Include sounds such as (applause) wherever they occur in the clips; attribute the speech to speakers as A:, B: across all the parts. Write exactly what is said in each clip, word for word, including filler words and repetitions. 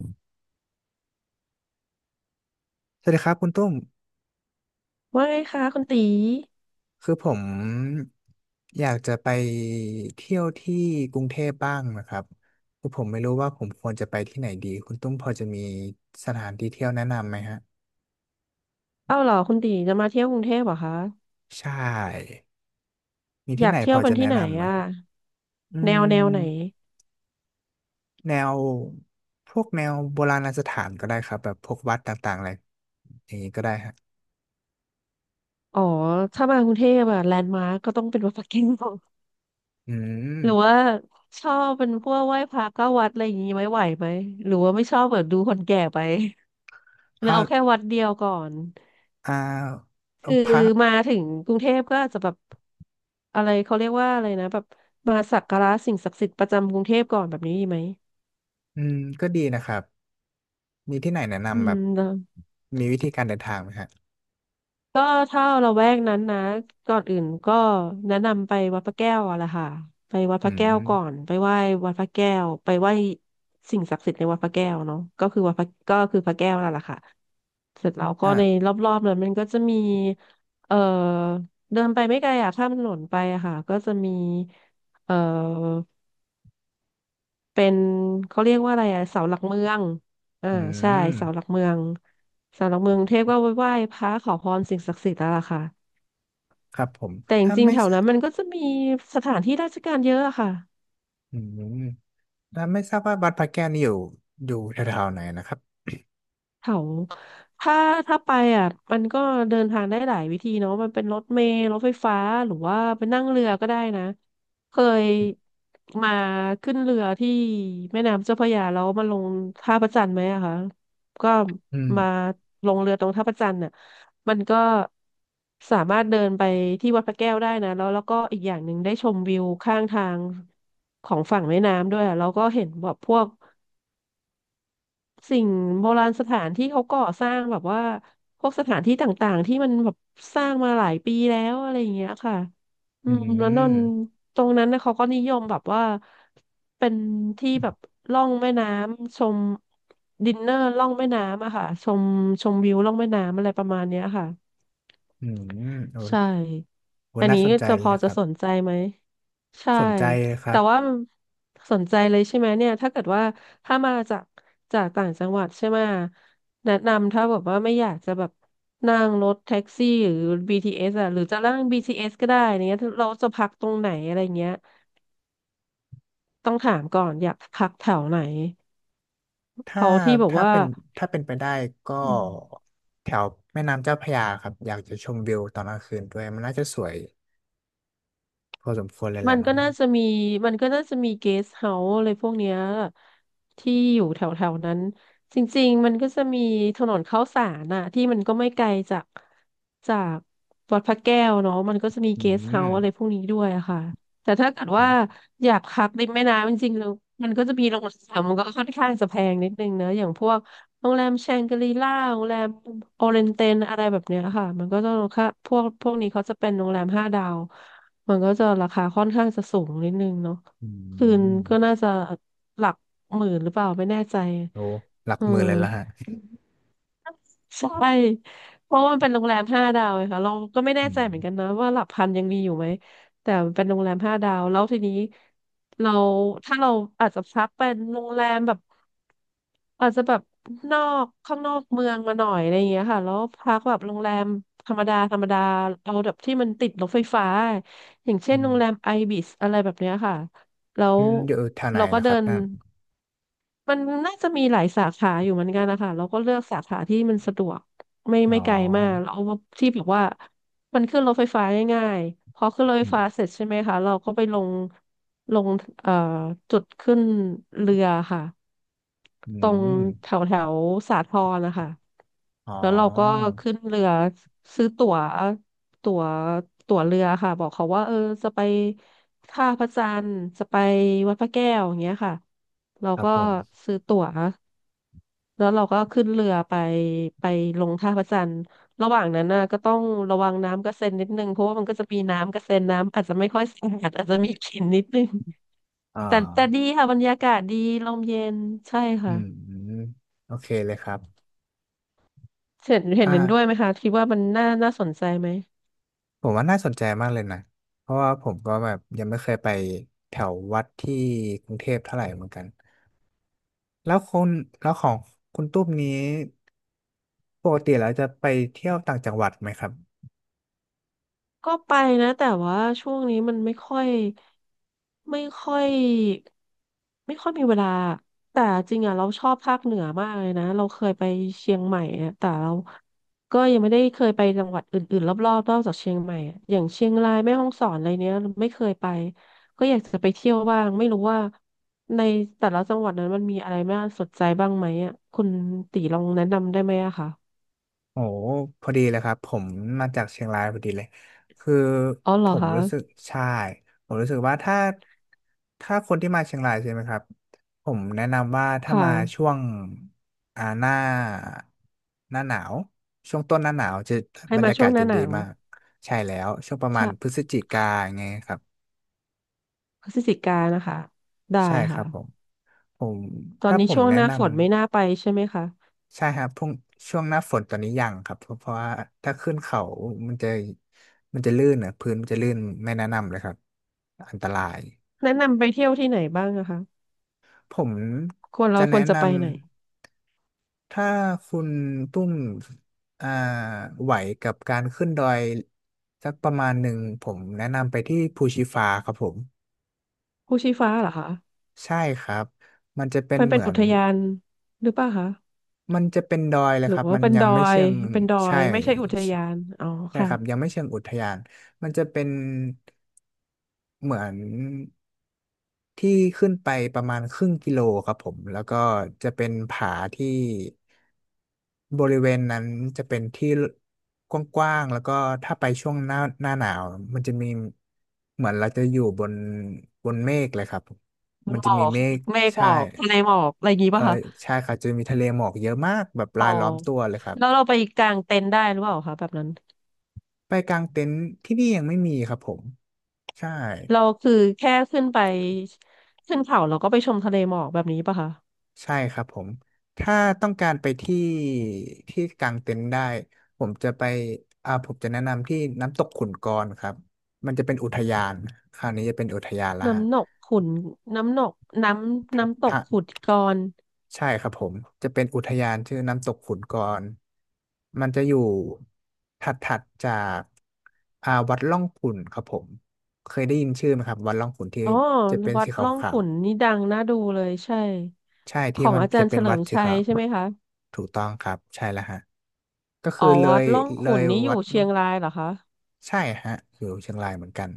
A: สวัสดีครับคุณตุ้ม
B: ว่าไงคะคุณตี
A: คือผมอยากจะไปเที่ยวที่กรุงเทพบ้างนะครับคือผมไม่รู้ว่าผมควรจะไปที่ไหนดีคุณตุ้มพอจะมีสถานที่เที่ยวแนะนำไหมฮะ
B: เอ้าเหรอคุณตีจะมาเที่ยวกรุงเทพเหรอคะ
A: ใช่มี
B: อ
A: ที่
B: ยา
A: ไห
B: ก
A: นพ
B: เที่ย
A: อ
B: วเป็น
A: จะแนะ
B: ที่ไหน
A: นำไหม
B: อ่ะ
A: อื
B: แนวแนวไหน
A: มแนวพวกแนวโบราณสถานก็ได้ครับแบบพวกวัดต่างๆอะไรอย่างนี้ก็ได้ฮะ
B: อ๋อถ้ามากรุงเทพอะแลนด์มาร์กก็ต้องเป็นวัดพระแก้ว
A: อืม
B: (laughs) หรือว่าชอบเป็นพวกไหว้พระเก้าวัดอะไรอย่างงี้ไหมไหวไหมหรือว่าไม่ชอบแบบดูคนแก่ไป (laughs) หรือ
A: อ่า
B: เอาแค่วัดเดียวก่อน
A: อ่า
B: คือ
A: พระ
B: มาถึงกรุงเทพก็อาจจะแบบอะไรเขาเรียกว่าอะไรนะแบบมาสักการะสิ่งศักดิ์สิทธิ์ประจำกรุงเทพก่อนแบบนี้ดีไหม
A: อืมก็ดีนะครับ มีที่ไหนแนะ
B: อื
A: นำแบบ
B: ม
A: มีวิธีการเดินทางไหมฮะ
B: ก็ถ้าละแวกนั้นนะก่อนอื่นก็แนะนำไปวัดพระแก้วอะละค่ะไปวัดพ
A: อื
B: ระแก้ว
A: ม
B: ก่อนไปไหว้วัดพระแก้วไปไหว้สิ่งศักดิ์สิทธิ์ในวัดพระแก้วเนาะก็คือวัดพระก็คือพระแก้วนั่นแหละค่ะเสร็จแล้วก็
A: อ่ะ
B: ในรอบๆนั้นมันก็จะมีเอ่อเดินไปไม่ไกลอะข้ามถนนไปอะค่ะก็จะมีเอ่อเป็นเขาเรียกว่าอะไรอะเสาหลักเมืองอ่า
A: อื
B: ใช่
A: ม
B: เสาหลักเมืองเสาหลักเมืองกรุงเทพก็ไหว้พระขอพรสิ่งศักดิ์สิทธิ์แล้วล่ะค่ะ
A: ครับผม
B: แต่จ
A: ถ้า
B: ริงๆ
A: ไม่
B: แถว
A: ทรา
B: นั้น
A: บ
B: มันก็จะมีสถานที่ราชการเยอะอะค่ะ
A: อืมถ้าไม่ทราบว่าวัดพระแก้วนี่อยู่อยู่แถวๆไหนนะครับ
B: เขาถ้าถ้าไปอ่ะมันก็เดินทางได้หลายวิธีเนาะมันเป็นรถเมล์รถไฟฟ้าหรือว่าไปนั่งเรือก็ได้นะเคยมาขึ้นเรือที่แม่น้ำเจ้าพระยาแล้วมาลงท่าพระจันทร์ไหมอะคะก็
A: อื
B: มา
A: ม
B: ลงเรือตรงท่าพระจันทร์น่ะมันก็สามารถเดินไปที่วัดพระแก้วได้นะแล้วแล้วก็อีกอย่างหนึ่งได้ชมวิวข้างทางของฝั่งแม่น้ำด้วยอะแล้วก็เห็นแบบพวก สิ่งโบราณสถานที่เขาก่อสร้างแบบว่าพวกสถานที่ต่างๆที่มันแบบสร้างมาหลายปีแล้วอะไรอย่างเงี้ยค่ะอื
A: อื
B: มแล้วนน
A: ม
B: ตรงนั้นนะเขาก็นิยมแบบว่าเป็นที่แบบล่องแม่น้ำชมดินเนอร์ล่องแม่น้ำอะค่ะชมชมวิวล่องแม่น้ำอะไรประมาณเนี้ยค่ะ
A: อืมโอ้
B: ใช่
A: โห
B: อัน
A: น่า
B: นี้
A: สน
B: ก็
A: ใจ
B: จะ
A: เล
B: พ
A: ย
B: อ
A: ค
B: จะ
A: รับ
B: สนใจไหมใช่
A: สนใจเลยครั
B: แต่
A: บ
B: ว่ามันสนใจเลยใช่ไหมเนี่ยถ้าเกิดว่าถ้ามาจากจากต่างจังหวัดใช่ไหมแนะนำถ้าแบบว่าไม่อยากจะแบบนั่งรถแท็กซี่หรือ บี ที เอส อ่ะหรือจะนั่ง บี ที เอส ก็ได้เนี้ยเราจะพักตรงไหนอะไรเงี้ยต้องถามก่อนอยากพักแถวไหน
A: ถ้า
B: เอาที่แบบ
A: ถ้า
B: ว่า
A: เป็นถ้าเป็นไปได้ก็
B: อืม
A: แถวแม่น้ำเจ้าพระยาครับอยากจะชมวิวตอนกลางคืนด้วยมันน่าจะสวยพอสมควรเลยแห
B: มั
A: ละ
B: น
A: มั้
B: ก็
A: ง
B: น่าจะมีมันก็น่าจะมีเกสเฮาส์อะไรพวกเนี้ยที่อยู่แถวแถวนั้นจริงๆมันก็จะมีถนนข้าวสารน่ะที่มันก็ไม่ไกลจากจากวัดพระแก้วเนาะมันก็จะมี
A: อื
B: เกสเฮา
A: ม
B: ส์อะไรพวกนี้ด้วยอะค่ะแต่ถ้าเกิดว่าอยากพักริมแม่น้ำจริงๆแล้วมันก็จะมีโรงแรมมันก็ค่อนข้างจะแพงนิดนึงเนอะอย่างพวก โรงแรมแชงกรีล่าโรงแรมโอเรนเตนอะไรแบบเนี้ยค่ะมันก็จะราคาพวกพวกนี้เขาจะเป็นโรงแรมห้าดาวมันก็จะราคาค่อนข้างจะสูงนิดนึงเนาะ
A: อื
B: คืน
A: ม
B: ก็น่าจะหลักหมื่นหรือเปล่าไม่แน่ใจ
A: โอ้หลัก
B: อื
A: หมื่นเลยละฮะ
B: ม ใช่เพราะว่ามันเป็นโรงแรมห้าดาวไงค่ะเราก็ไม่แน่
A: อื
B: ใจ
A: ม
B: เหมือนกันนะว่าหลักพันยังมีอยู่ไหมแต่มันเป็นโรงแรมห้าดาวแล้วทีนี้เราถ้าเราอาจจะพักเป็นโรงแรมแบบอาจจะแบบนอกข้างนอกเมืองมาหน่อยอะไรอย่างเงี้ยค่ะแล้วพักแบบโรงแรมธรรมดาธรรมดาเอาแบบที่มันติดรถไฟฟ้าอย่างเช่น
A: อื
B: โรงแรม
A: ม
B: ไอบิสอะไรแบบเนี้ยค่ะแล้
A: อื
B: ว
A: มอยู่แถวไหน
B: เราก็
A: ล่ะค
B: เดิ
A: รับ
B: น
A: นั่น
B: มันน่าจะมีหลายสาขาอยู่เหมือนกันนะคะเราก็เลือกสาขาที่มันสะดวกไม่
A: อ๋
B: ไม่ไกลมาก
A: อ
B: เราเอาที่แบบว่ามันขึ้นรถไฟฟ้าง่ายๆพอขึ้นรถไฟ
A: อืม
B: ฟ้าเสร็จใช่ไหมคะเราก็ไปลงลงเอ่อจุดขึ้นเรือค่ะ
A: อื
B: ตรง
A: ม
B: แถวแถวสาทรนะคะ
A: อ๋
B: แล้วเราก็
A: อ
B: ขึ้นเรือซื้อตั๋วตั๋วตั๋วเรือค่ะบอกเขาว่าเออจะไปท่าพระจันทร์จะไปวัดพระแก้วอย่างเงี้ยค่ะเรา
A: ครับ
B: ก็
A: ผม
B: ซื้อตั๋วแล้วเราก็ขึ้นเรือไปไปลงท่าพระจันทร์ระหว่างนั้นน่ะก็ต้องระวังน้ำกระเซ็นนิดนึงเพราะว่ามันก็จะมีน้ำกระเซ็นน้ำอาจจะไม่ค่อยสะอาดอาจจะมีกลิ่นนิดนึง
A: อ่
B: แต่แต่ดี
A: า
B: ค่ะบรรยากาศดีลมเย็นใช่
A: อื
B: ค่ะ
A: มอืมโอเคเลยครับ
B: เห็นเห็
A: อ่
B: นเห็นด้วยไหม
A: า
B: คะคิดว่ามันน่าน่าสนใจไหม
A: ผมว่าน่าสนใจมากเลยนะ เพราะว่าผมก็แบบยังไม่เคยไปแถววัดที่กรุงเทพเท่าไหร่เหมือนกัน แล้วคุณแล้วของคุณตุ้มนี้ปกติแล้วจะไปเที่ยวต่างจังหวัดไหมครับ
B: ก็ไปนะแต่ว่าช่วงนี้มันไม่ค่อยไม่ค่อยไม่ค่อยมีเวลาแต่จริงอ่ะเราชอบภาคเหนือมากเลยนะเราเคยไปเชียงใหม่อะแต่เราก็ยังไม่ได้เคยไปจังหวัดอื่นๆรอบๆนอกจากเชียงใหม่อะอย่างเชียงรายแม่ฮ่องสอนอะไรเนี้ยไม่เคยไปก็อยากจะไปเที่ยวบ้างไม่รู้ว่าในแต่ละจังหวัดนั้นมันมีอะไรน่าสนใจบ้างไหมอ่ะคุณตีลองแนะนำได้ไหมอะคะ
A: โอ้พอดีเลยครับผมมาจากเชียงรายพอดีเลยคือ
B: อ๋อเหร
A: ผ
B: อ
A: มรู้สึก
B: คะ
A: ใช่ผมรู้สึกว่าถ้าถ้าคนที่มาเชียงรายใช่ไหมครับผมแนะนำว่า
B: ค
A: ถ้ามาช่
B: ่ะ
A: วงอ่าหน้าหน้าหนาวช่วงต้นหน้าหนาวจะ
B: ให้
A: บรร
B: มา
A: ยา
B: ช่
A: กา
B: ว
A: ศ
B: งห
A: จะ
B: น้าห
A: ดี
B: นาว
A: มากใช่แล้วช่วงประมาณพฤ
B: ใชะ
A: ศจิกาไงเงี้ยครับ
B: พฤศจิกานะคะได้
A: ใช่ค
B: ค่ะ
A: รับผมผม
B: ตอน
A: ถ้า
B: นี้
A: ผม
B: ช่วง
A: แนะ
B: หน้าฝ
A: นำ
B: นไม่น่าไปใช่ไหมคะ
A: ใช่ครับพรุ่งช่วงหน้าฝนตอนนี้ยังครับ เพราะเพราะว่าถ้าขึ้นเขามันจะมันจะลื่นอ่ะพื้นมันจะลื่นไม่แนะนำเลยครับ อันตราย
B: แนะนำไปเที่ยวที่ไหนบ้างนะคะ
A: ผม
B: ควร
A: จะ
B: เราค
A: แนะ
B: วรจะ
A: น
B: ไปไหน
A: ำ ถ้าคุณตุ้มอ่าไหวกับการขึ้นดอยสักประมาณหนึ่งผมแนะนำไปที่ภูชีฟ้าครับผม
B: ภูชีฟ้าเหรอคะ
A: ใช่ครับ มันจะเป็น
B: มันเป็
A: เห
B: น
A: มือ
B: อุ
A: น
B: ทยานหรือเปล่าคะ
A: มันจะเป็นดอยเลย
B: หรื
A: ค
B: อ
A: รับ
B: ว่า
A: มัน
B: เป็น
A: ยั
B: ด
A: ง
B: อ
A: ไม่เชิ
B: ย
A: ง
B: เป็นดอ
A: ใช่
B: ยไม่ใช่อุท
A: ใช่
B: ยานอ๋อ
A: ใช่
B: ค่ะ
A: ครับยังไม่เชิงอุทยานมันจะเป็นเหมือนที่ขึ้นไปประมาณครึ่งกิโลครับผม แล้วก็จะเป็นผาที่บริเวณนั้นจะเป็นที่กว้างๆแล้วก็ถ้าไปช่วงหน้าหน้าหนาวมันจะมีเหมือนเราจะอยู่บนบนเมฆเลยครับ
B: มั
A: มั
B: น
A: น
B: ห
A: จะ
B: มอ
A: มี
B: ก
A: เมฆ
B: เมฆหม
A: ใช่
B: อกทะเลหมอกอะไรอย่างงี้
A: เออ
B: ป่ะคะ
A: ใช่ครับจะมีทะเลหมอกเยอะมากแบบ
B: อ๋อ
A: รายล้อมตัวเลยครับ
B: แล้วเราไปกางเต็นท์ได้หรือเปล่าคะแบบนั้น
A: ไปกางเต็นท์ที่นี่ยังไม่มีครับผมใช่
B: เราคือแค่ขึ้นไปขึ้นเขาเราก็ไปชมทะเลหมอกแบบนี้ป่ะคะ
A: ใช่ครับผมถ้าต้องการไปที่ที่กางเต็นท์ได้ผมจะไปอ่าผมจะแนะนำที่น้ำตกขุนกรครับมันจะเป็นอุทยานคราวนี้จะเป็นอุทยานละฮ
B: น้ำหนกขุนน้ำหนกน้ำน้ำตก
A: ะ
B: ขุดกร
A: ใช่ครับผมจะเป็นอุทยานชื่อน้ำตกขุนกรมันจะอยู่ถัดถัดจากอ่าวัดร่องขุ่นครับผมเคยได้ยินชื่อไหมครับวัดร่องขุ่นที่
B: อ๋อ
A: จะเป็น
B: วั
A: สี
B: ด
A: ข
B: ร่อง
A: า
B: ขุ
A: ว
B: นนี่ดังน่าดูเลยใช่
A: ๆใช่
B: ข
A: ที่
B: อง
A: มัน
B: อาจา
A: จะ
B: รย์
A: เป็
B: เฉ
A: น
B: ลิ
A: วัด
B: ม
A: สี
B: ชั
A: ขา
B: ย
A: ว
B: ใช่ไหมคะ
A: ถูกต้องครับใช่แล้วฮะก็
B: อ๋
A: คือ
B: อ
A: เล
B: วัด
A: ย
B: ร่อง
A: เล
B: ขุน
A: ย
B: นี่อ
A: วั
B: ยู่
A: ด
B: เชี
A: ร่อ
B: ย
A: ง
B: งรายเหรอคะ
A: ใช่ฮะอยู่เชียงรายเหมือนกัน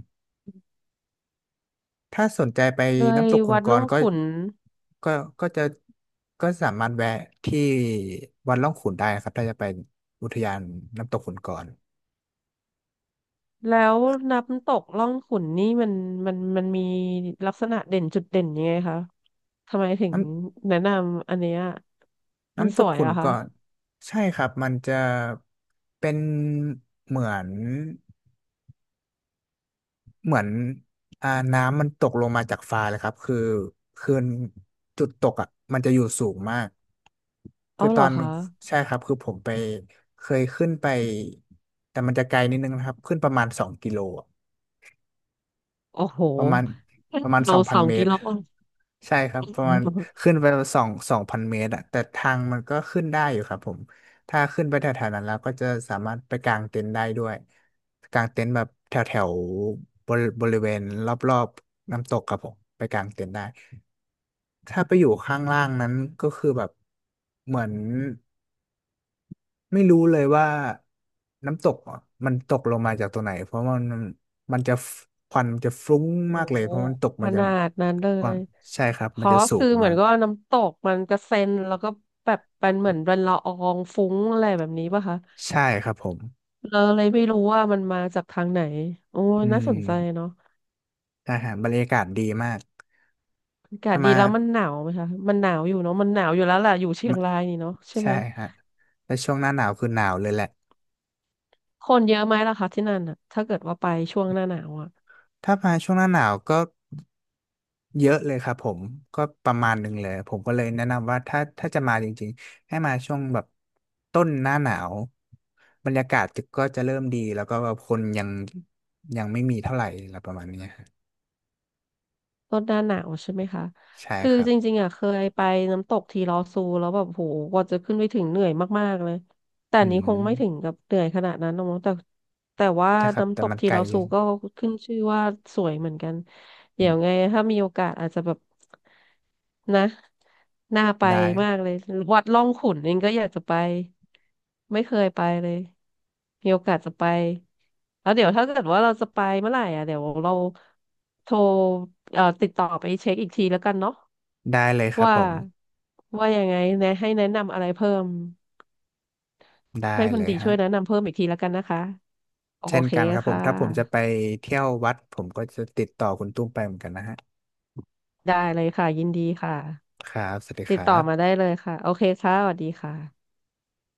A: ถ้าสนใจไป
B: เลย
A: น้ำตกขุน
B: วัด
A: ก
B: ร่อ
A: ร
B: ง
A: ก็
B: ขุน
A: ก็ก็จะก็สามารถแวะที่วัดร่องขุนได้นะครับถ้าจะไปอุทยานน้ำตกขุนกร
B: แล้วน้ำตกร่องขุนนี่มันมันมันมีลักษณะเด่นจุดเด่นยังไงคะทำไมถึง
A: น้
B: แนะนำอันเนี้ย
A: ำ
B: มัน
A: น้ำต
B: ส
A: ก
B: วย
A: ขุน
B: อะ
A: ก
B: คะ
A: รใช่ครับมันจะเป็นเหมือน เหมือนอ่าน้ำมันตกลงมาจากฟ้าเลยครับคือคือจุดตกอ่ะมันจะอยู่สูงมากคื
B: เอา
A: อต
B: เหร
A: อ
B: อ
A: น
B: คะ
A: ใช่ครับคือผมไปเคยขึ้นไปแต่มันจะไกลนิดนึงนะครับขึ้นประมาณสองกิโลอะ
B: โอ้โห
A: ประมาณประมาณส
B: เรา
A: อง
B: ส
A: พัน
B: อง
A: เม
B: กิ
A: ตร
B: โล
A: ใช่ครับประมาณขึ้นไปสองสองพันเมตรอะแต่ทางมันก็ขึ้นได้อยู่ครับผมถ้าขึ้นไปแถวๆนั้นแล้วก็จะสามารถไปกางเต็นท์ได้ด้วยกางเต็นท์แบบแถวแถวบริบริเวณรอบๆน้ำตกครับผมไปกางเต็นท์ได้ถ้าไปอยู่ข้างล่างนั้นก็คือแบบเหมือนไม่รู้เลยว่าน้ำตกอะมันตกลงมาจากตัวไหนเพราะมันมันจะฟควันมันจะฟุ้ง
B: โอ้
A: มากเลยเพราะมันตก
B: ข
A: มาจาก
B: นาดนั้นเล
A: ความ
B: ย
A: ใช่ครับ
B: เพ
A: มัน
B: ราะ
A: จะสู
B: คื
A: ง
B: อเหมื
A: มา
B: อน
A: ก
B: ก็น้ำตกมันกระเซ็นแล้วก็แบบเป็นเหมือนเป็นละอองฟุ้งอะไรแบบนี้ป่ะคะ
A: ใช่ครับผม
B: เราเลยไม่รู้ว่ามันมาจากทางไหนโอ้
A: อื
B: น่าสนใจ
A: ม
B: เนาะ
A: อาหารบรรยากาศดีมาก
B: อากาศ
A: ถ้า
B: ดี
A: มา
B: แล้วมันหนาวไหมคะมันหนาวอยู่เนาะมันหนาวอยู่แล้วแหละอยู่เชียง
A: มา
B: รายนี่เนาะใช่ไห
A: ใช่
B: ม
A: ฮะแต่ช่วงหน้าหนาวคือหนาวเลยแหละ
B: คนเยอะไหมล่ะคะที่นั่นอ่ะถ้าเกิดว่าไปช่วงหน้าหนาวอ่ะ
A: ถ้ามาช่วงหน้าหนาวก็เยอะเลยครับผม ก็ประมาณหนึ่งเลยผมก็เลยแนะนำว่าถ้าถ้าจะมาจริงๆ ให้มาช่วงแบบต้นหน้าหนาวบรรยากาศจะก็จะเริ่มดีแล้วก็แบบคนยังยังไม่มีเท่าไหร่อะไรประมาณเนี้ยฮะ
B: ลดหน้าหนาวใช่ไหมคะ
A: ใช่
B: คือ
A: ครับ
B: จริงๆอ่ะเคยไปน้ำตกทีลอซูแล้วแบบโหกว่าจะขึ้นไปถึงเหนื่อยมากๆเลย แต่
A: อื
B: อันนี้คง
A: ม
B: ไม่ถึงกับเหนื่อยขนาดนั้นหรอกมั้งแต่แต่ว่า
A: ใช่ครับ
B: น้ำ
A: แต่
B: ตก
A: มัน
B: ที
A: ไกล
B: ลอ
A: เล
B: ซู
A: ย
B: ก็ขึ้นชื่อว่าสวยเหมือนกัน
A: อื
B: เดี๋ย
A: ม
B: วไงถ้ามีโอกาสอาจจะแบบนะน่าไป
A: ได้
B: มากเลยวัดร่องขุ่นเองก็อยากจะไปไม่เคยไปเลยมีโอกาสจะไปแล้วเดี๋ยวถ้าเกิดว่าเราจะไปเมื่อไหร่อ่ะเดี๋ยวเราโทรเอ่อติดต่อไปเช็คอีกทีแล้วกันเนาะ
A: ได้เลยครับ
B: ว่า
A: ผม
B: ว่ายังไงแนะให้แนะนำอะไรเพิ่ม
A: ได้
B: ให้คุ
A: เล
B: ณ
A: ย
B: ดีช่
A: ฮะ
B: วยแนะนำเพิ่มอีกทีแล้วกันนะคะโอ
A: เช่น
B: เค
A: กันครับผ
B: ค่ะ
A: มถ้าผมจะไปเที่ยววัดผมก็จะติดต่อคุณตุ้มไปเหมือนกันนะฮะ
B: ได้เลยค่ะยินดีค่ะ
A: ครับสวัสดี
B: ติ
A: ค
B: ด
A: รั
B: ต่อมาได้
A: บ
B: เลยค่ะโอเคค่ะสวัสดีค่ะ